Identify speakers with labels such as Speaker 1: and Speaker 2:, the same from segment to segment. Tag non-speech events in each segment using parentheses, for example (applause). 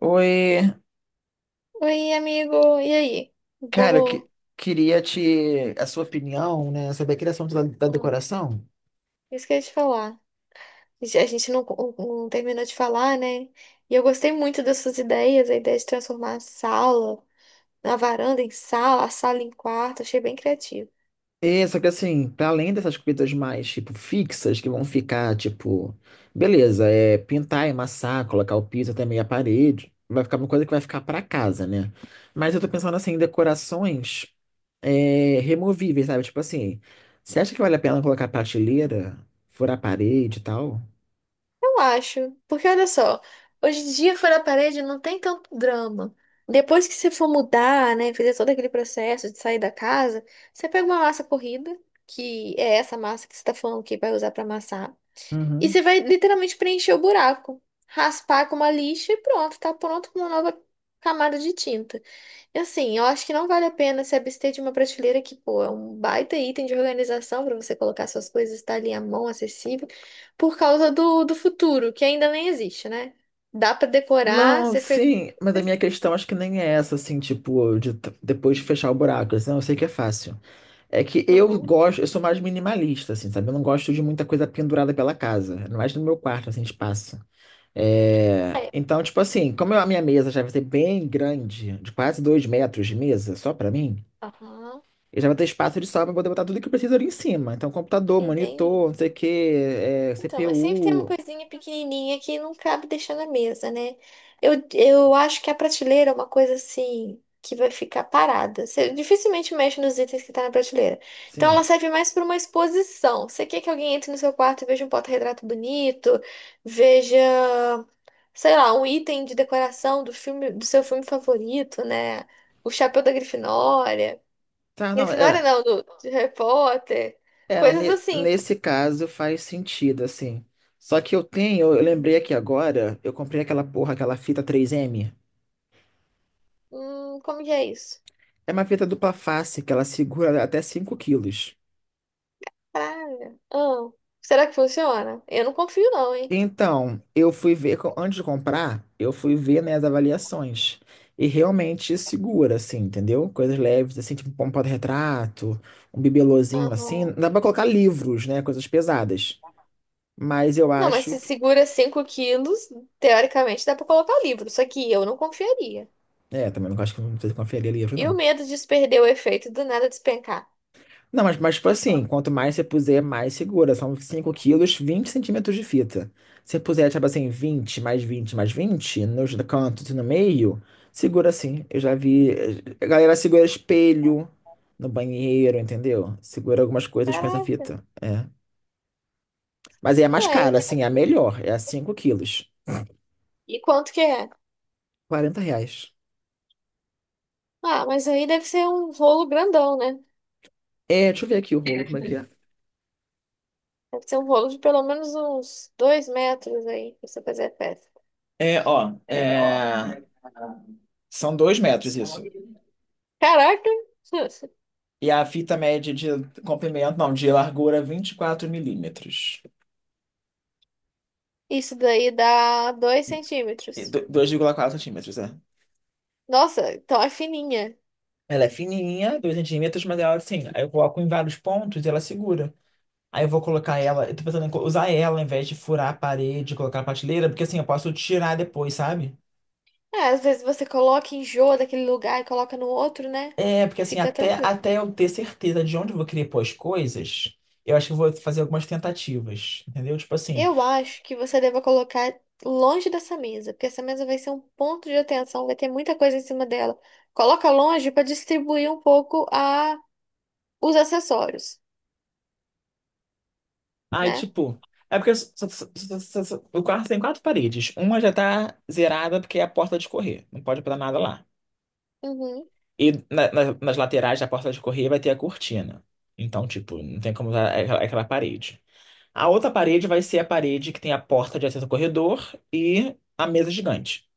Speaker 1: Oi,
Speaker 2: Oi, amigo. E aí?
Speaker 1: cara,
Speaker 2: Vamos.
Speaker 1: queria te a sua opinião, né, sobre a criação da
Speaker 2: Hum,
Speaker 1: decoração.
Speaker 2: Isso que eu ia te falar. A gente não terminou de falar, né? E eu gostei muito das suas ideias, a ideia de transformar a sala, a varanda em sala, a sala em quarto. Achei bem criativo.
Speaker 1: É, só que assim, para além dessas coisas mais tipo fixas que vão ficar tipo, beleza, é pintar, emassar, colocar o piso até meia parede, vai ficar uma coisa que vai ficar para casa, né? Mas eu tô pensando assim em decorações removíveis, sabe? Tipo assim, você acha que vale a pena colocar prateleira, furar a parede e tal?
Speaker 2: Eu acho. Porque olha só, hoje em dia fora da parede não tem tanto drama. Depois que você for mudar, né? fazer todo aquele processo de sair da casa, você pega uma massa corrida, que é essa massa que você está falando que vai usar para amassar. E
Speaker 1: Uhum.
Speaker 2: você vai literalmente preencher o buraco, raspar com uma lixa e pronto, tá pronto com uma nova camada de tinta. E assim, eu acho que não vale a pena se abster de uma prateleira que, pô, é um baita item de organização para você colocar suas coisas, tá ali à mão, acessível, por causa do futuro, que ainda nem existe, né? Dá para decorar,
Speaker 1: Não,
Speaker 2: ser feliz.
Speaker 1: sim, mas a minha questão acho que nem é essa, assim, tipo, depois de fechar o buraco, assim, não, eu sei que é fácil. É que eu
Speaker 2: Aham,
Speaker 1: gosto, eu sou mais minimalista, assim, sabe? Eu não gosto de muita coisa pendurada pela casa, ainda mais no meu quarto, assim, espaço. Então, tipo assim, a minha mesa já vai ser bem grande, de quase 2 metros de mesa, só pra mim,
Speaker 2: aham,
Speaker 1: eu já vou ter espaço de sobra pra poder botar tudo que eu preciso ali em cima. Então, computador, monitor, não
Speaker 2: entendi.
Speaker 1: sei o quê,
Speaker 2: Então, mas sempre tem uma
Speaker 1: CPU,
Speaker 2: coisinha pequenininha que não cabe deixar na mesa, né? Eu acho que a prateleira é uma coisa assim que vai ficar parada. Você dificilmente mexe nos itens que tá na prateleira. Então ela
Speaker 1: sim.
Speaker 2: serve mais para uma exposição. Você quer que alguém entre no seu quarto e veja um porta-retrato bonito, veja, sei lá, um item de decoração do filme, do seu filme favorito, né? O chapéu da Grifinória.
Speaker 1: Tá, não,
Speaker 2: Grifinória
Speaker 1: é.
Speaker 2: não, do de Harry Potter.
Speaker 1: É, não,
Speaker 2: Coisas assim.
Speaker 1: nesse caso faz sentido, assim. Só que eu lembrei aqui agora, eu comprei aquela porra, aquela fita 3M.
Speaker 2: Como que é isso?
Speaker 1: É uma fita dupla face, que ela segura até 5 quilos.
Speaker 2: Praga. Ah, será que funciona? Eu não confio, não, hein?
Speaker 1: Então, eu fui ver, co- antes de comprar, eu fui ver, né, as avaliações. E realmente segura, assim, entendeu? Coisas leves, assim, tipo um porta-retrato, um bibelôzinho, assim.
Speaker 2: Aham.
Speaker 1: Dá pra colocar livros, né, coisas pesadas. Mas eu
Speaker 2: Não, mas
Speaker 1: acho...
Speaker 2: se
Speaker 1: que-
Speaker 2: segura 5 quilos, teoricamente dá pra colocar o livro. Só que eu não confiaria.
Speaker 1: É, também não acho que não precisa conferir livro,
Speaker 2: E o
Speaker 1: não.
Speaker 2: medo de perder o efeito e do nada despencar?
Speaker 1: Não, mas tipo assim, quanto mais você puser, mais segura. São 5 quilos, 20 centímetros de fita. Se você puser, tipo assim, 20 mais 20 mais 20 nos cantos e no meio, segura assim. Eu já vi. A galera segura espelho no banheiro, entendeu? Segura algumas coisas com essa
Speaker 2: Caraca.
Speaker 1: fita. É. Mas aí é mais
Speaker 2: É,
Speaker 1: cara, assim, é a melhor. É a 5 quilos.
Speaker 2: e quanto que é?
Speaker 1: 40 reais.
Speaker 2: Ah, mas aí deve ser um rolo grandão, né?
Speaker 1: É, deixa eu ver aqui o rolo, como é que é.
Speaker 2: Deve ser um rolo de pelo menos uns 2 metros aí, pra você fazer a festa.
Speaker 1: É, ó, são 2 metros isso.
Speaker 2: Caraca! (laughs)
Speaker 1: E a fita média de comprimento, não, de largura 24 milímetros.
Speaker 2: Isso daí dá 2
Speaker 1: E
Speaker 2: centímetros.
Speaker 1: 2,4 centímetros, é.
Speaker 2: Nossa, então é fininha.
Speaker 1: Ela é fininha, 2 centímetros, mas ela assim, aí eu coloco em vários pontos e ela segura. Aí eu vou colocar ela, eu tô pensando em usar ela ao invés de furar a parede, colocar na prateleira, porque assim, eu posso tirar depois, sabe?
Speaker 2: É, às vezes você coloca, enjoa daquele lugar e coloca no outro, né?
Speaker 1: É, porque assim,
Speaker 2: Fica
Speaker 1: até,
Speaker 2: tranquilo.
Speaker 1: até eu ter certeza de onde eu vou querer pôr as coisas, eu acho que eu vou fazer algumas tentativas, entendeu? Tipo assim.
Speaker 2: Eu acho que você deva colocar longe dessa mesa, porque essa mesa vai ser um ponto de atenção, vai ter muita coisa em cima dela. Coloca longe para distribuir um pouco a os acessórios,
Speaker 1: Aí,
Speaker 2: né?
Speaker 1: tipo, é porque o quarto tem quatro paredes. Uma já tá zerada porque é a porta de correr. Não pode botar nada lá.
Speaker 2: Uhum,
Speaker 1: E nas laterais da porta de correr vai ter a cortina. Então, tipo, não tem como usar aquela parede. A outra parede vai ser a parede que tem a porta de acesso ao corredor e a mesa gigante.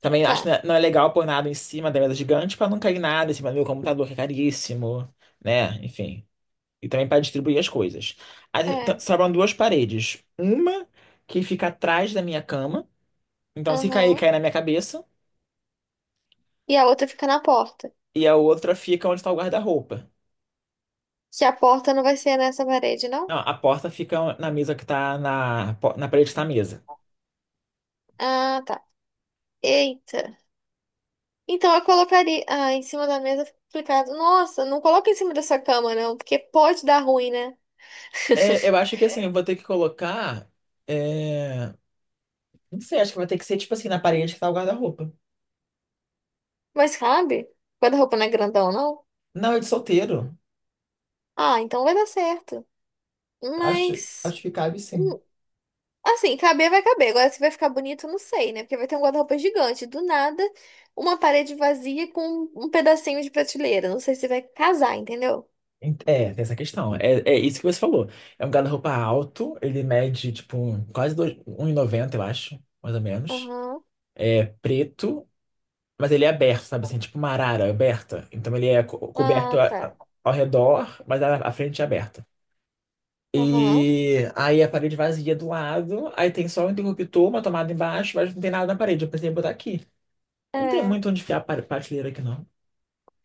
Speaker 1: Também acho que
Speaker 2: tá.
Speaker 1: não é legal pôr nada em cima da mesa gigante pra não cair nada em cima do meu computador, que é caríssimo, né? Enfim. E também para distribuir as coisas. Aí,
Speaker 2: É.
Speaker 1: sobram duas paredes. Uma que fica atrás da minha cama. Então, se cair,
Speaker 2: Aham.
Speaker 1: cai na minha cabeça.
Speaker 2: E a outra fica na porta.
Speaker 1: E a outra fica onde está o guarda-roupa.
Speaker 2: Que a porta não vai ser nessa parede, não?
Speaker 1: Não, a porta fica na mesa que tá na parede que tá a mesa.
Speaker 2: Ah, tá. Eita. Então eu colocaria ah, em cima da mesa, fica complicado. Nossa, não coloca em cima dessa cama, não, porque pode dar ruim, né?
Speaker 1: É, eu
Speaker 2: (laughs)
Speaker 1: acho que assim, eu vou ter que colocar. é, Não sei, acho que vai ter que ser tipo assim, na parede que tá o guarda-roupa.
Speaker 2: Mas cabe? O guarda-roupa não é grandão, não?
Speaker 1: Não, é de solteiro.
Speaker 2: Ah, então vai dar certo.
Speaker 1: Acho,
Speaker 2: Mas,
Speaker 1: acho que cabe sim.
Speaker 2: hum, assim, caber vai caber. Agora, se vai ficar bonito, eu não sei, né? Porque vai ter um guarda-roupa gigante. Do nada, uma parede vazia com um pedacinho de prateleira. Não sei se vai casar, entendeu?
Speaker 1: É, tem essa questão. É, é isso que você falou. É um guarda-roupa alto, ele mede tipo um e noventa, eu acho, mais ou menos.
Speaker 2: Aham.
Speaker 1: É preto, mas ele é aberto, sabe assim, tipo uma arara aberta. Então ele é coberto
Speaker 2: Ah, tá.
Speaker 1: ao redor, mas a frente é aberta.
Speaker 2: Aham.
Speaker 1: E aí a parede vazia do lado, aí tem só um interruptor, uma tomada embaixo, mas não tem nada na parede. Eu pensei em botar aqui. Não tem muito onde enfiar a prateleira aqui, não.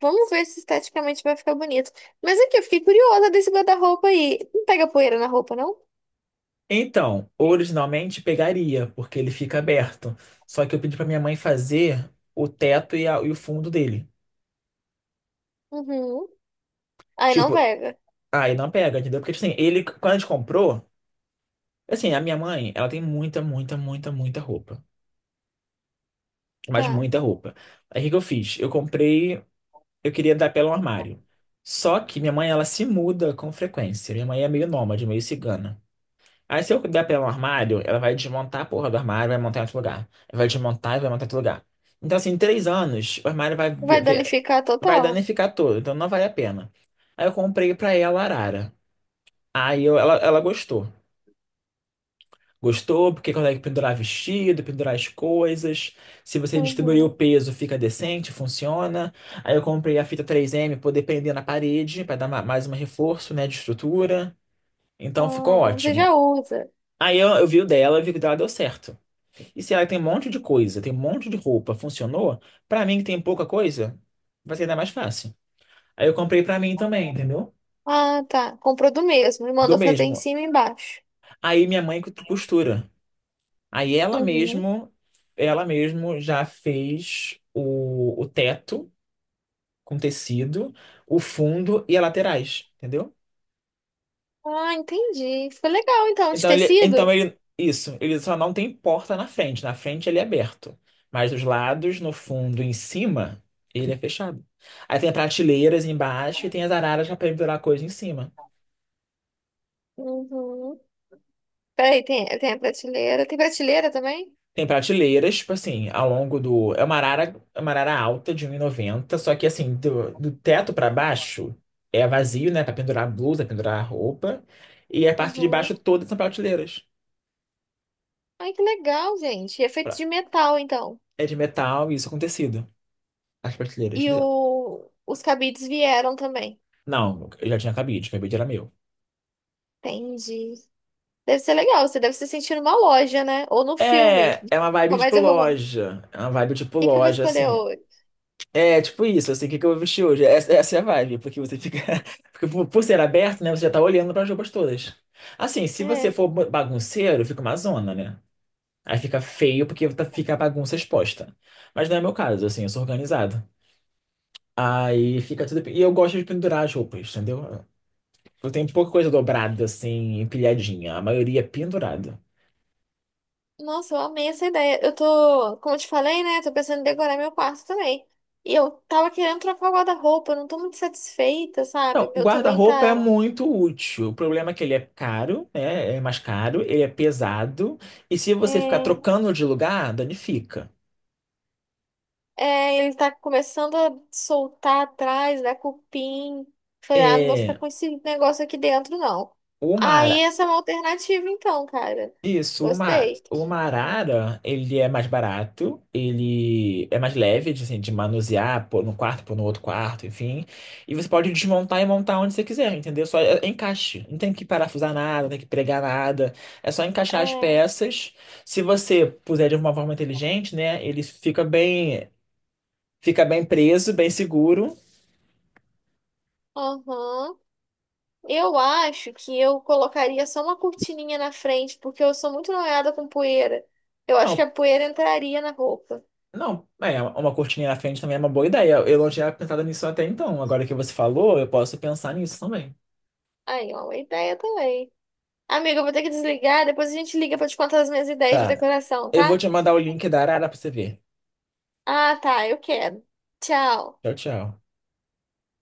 Speaker 2: Vamos ver se esteticamente vai ficar bonito. Mas aqui, eu fiquei curiosa desse guarda-roupa aí. Não pega poeira na roupa, não?
Speaker 1: Então, originalmente pegaria, porque ele fica aberto. Só que eu pedi pra minha mãe fazer o teto e o fundo dele.
Speaker 2: Uhum. Aí não
Speaker 1: Tipo,
Speaker 2: pega.
Speaker 1: aí não pega, entendeu? Porque tipo assim, ele, quando a gente comprou, assim, a minha mãe, ela tem muita, muita, muita, muita roupa. Mas
Speaker 2: Tá.
Speaker 1: muita roupa. Aí o que que eu fiz? Eu queria dar pela um armário. Só que minha mãe, ela se muda com frequência. Minha mãe é meio nômade, meio cigana. Aí se eu der pra ela um armário, ela vai desmontar a porra do armário, vai montar em outro lugar. Ela vai desmontar e vai montar em outro lugar. Então, assim, em 3 anos, o armário vai vi-
Speaker 2: Vai
Speaker 1: vi-
Speaker 2: danificar
Speaker 1: vai
Speaker 2: total.
Speaker 1: danificar todo, então não vale a pena. Aí eu comprei pra ela a arara. Aí ela gostou. Gostou porque consegue pendurar vestido, pendurar as coisas. Se você distribuir o
Speaker 2: Uhum.
Speaker 1: peso, fica decente, funciona. Aí eu comprei a fita 3M poder prender na parede, pra dar mais um reforço, né, de estrutura. Então
Speaker 2: Ah,
Speaker 1: ficou
Speaker 2: então você já
Speaker 1: ótimo.
Speaker 2: usa.
Speaker 1: Aí eu vi o dela, eu vi que o dela deu certo. E se ela tem um monte de coisa, tem um monte de roupa, funcionou, pra mim que tem pouca coisa, vai ser ainda mais fácil. Aí eu comprei pra mim também, entendeu?
Speaker 2: Ah, tá. Comprou do mesmo e
Speaker 1: Do
Speaker 2: mandou fazer em
Speaker 1: mesmo.
Speaker 2: cima e embaixo.
Speaker 1: Aí minha mãe costura. Costura. Aí ela
Speaker 2: Uhum.
Speaker 1: mesmo, ela mesmo já fez o teto com tecido, o fundo e as laterais, entendeu?
Speaker 2: Ah, entendi. Ficou legal, então, de
Speaker 1: Então ele, então
Speaker 2: tecido?
Speaker 1: ele, isso, ele só não tem porta na frente. Na frente ele é aberto, mas os lados, no fundo, e em cima, ele é fechado. Aí tem prateleiras embaixo e tem as araras para pendurar coisa em cima.
Speaker 2: Uhum. Peraí, tem a prateleira. Tem prateleira também?
Speaker 1: Tem prateleiras, tipo assim, ao longo do. É uma arara alta de um e noventa só que assim, do teto para baixo é vazio, né? Para pendurar blusa, pendurar roupa. E a parte de
Speaker 2: Uhum.
Speaker 1: baixo todas são prateleiras.
Speaker 2: Ai, que legal, gente. E é feito
Speaker 1: Pra-
Speaker 2: de metal, então.
Speaker 1: É de metal e isso é com tecido. As prateleiras.
Speaker 2: E os cabides vieram também.
Speaker 1: Não, eu já tinha cabide, cabide era meu.
Speaker 2: Entendi. Deve ser legal, você deve se sentir numa loja, né? Ou no filme.
Speaker 1: É uma vibe tipo
Speaker 2: Comédia romântica.
Speaker 1: loja. É uma vibe tipo
Speaker 2: O que que eu vou
Speaker 1: loja,
Speaker 2: escolher
Speaker 1: assim.
Speaker 2: hoje?
Speaker 1: É tipo isso, assim, o que que eu vou vestir hoje? Essa é a vibe, porque você fica. (laughs) Porque por ser aberto, né? Você já tá olhando para as roupas todas. Assim, se você
Speaker 2: É.
Speaker 1: for bagunceiro, fica uma zona, né? Aí fica feio porque fica a bagunça exposta. Mas não é meu caso, assim, eu sou organizado. Aí fica tudo. E eu gosto de pendurar as roupas, entendeu? Eu tenho pouca coisa dobrada, assim, empilhadinha. A maioria é pendurada.
Speaker 2: Nossa, eu amei essa ideia. Eu tô, como eu te falei, né? Tô pensando em decorar meu quarto também. E eu tava querendo trocar o guarda-roupa, eu não tô muito satisfeita, sabe?
Speaker 1: Então,
Speaker 2: O
Speaker 1: o
Speaker 2: meu também
Speaker 1: guarda-roupa é
Speaker 2: tá.
Speaker 1: muito útil. O problema é que ele é caro, né? É mais caro, ele é pesado. E se você ficar
Speaker 2: é,
Speaker 1: trocando de lugar, danifica.
Speaker 2: É, ele tá começando a soltar atrás, dar cupim. Falei, ah, não vou ficar
Speaker 1: É,
Speaker 2: com esse negócio aqui dentro, não.
Speaker 1: o
Speaker 2: Aí
Speaker 1: mar.
Speaker 2: essa é uma alternativa, então, cara.
Speaker 1: Isso, uma,
Speaker 2: Gostei.
Speaker 1: uma arara, ele é mais barato, ele é mais leve, de, assim, de manusear, pôr no quarto, pôr no outro quarto, enfim. E você pode desmontar e montar onde você quiser, entendeu? Só é encaixe. Não tem que parafusar nada, não tem que pregar nada. É só encaixar as
Speaker 2: É,
Speaker 1: peças. Se você puser de uma forma inteligente, né, ele fica bem preso, bem seguro.
Speaker 2: aham. Eu acho que eu colocaria só uma cortininha na frente, porque eu sou muito noiada com poeira. Eu acho que
Speaker 1: Não,
Speaker 2: a poeira entraria na roupa.
Speaker 1: não, uma cortininha na frente também é uma boa ideia. Eu não tinha pensado nisso até então. Agora que você falou, eu posso pensar nisso também.
Speaker 2: Aí, ó, uma ideia também. Amiga, eu vou ter que desligar, depois a gente liga pra te contar as minhas ideias de
Speaker 1: Tá.
Speaker 2: decoração,
Speaker 1: Eu vou
Speaker 2: tá?
Speaker 1: te mandar o link da Arara pra você ver.
Speaker 2: Ah, tá, eu quero. Tchau.
Speaker 1: Tchau, tchau.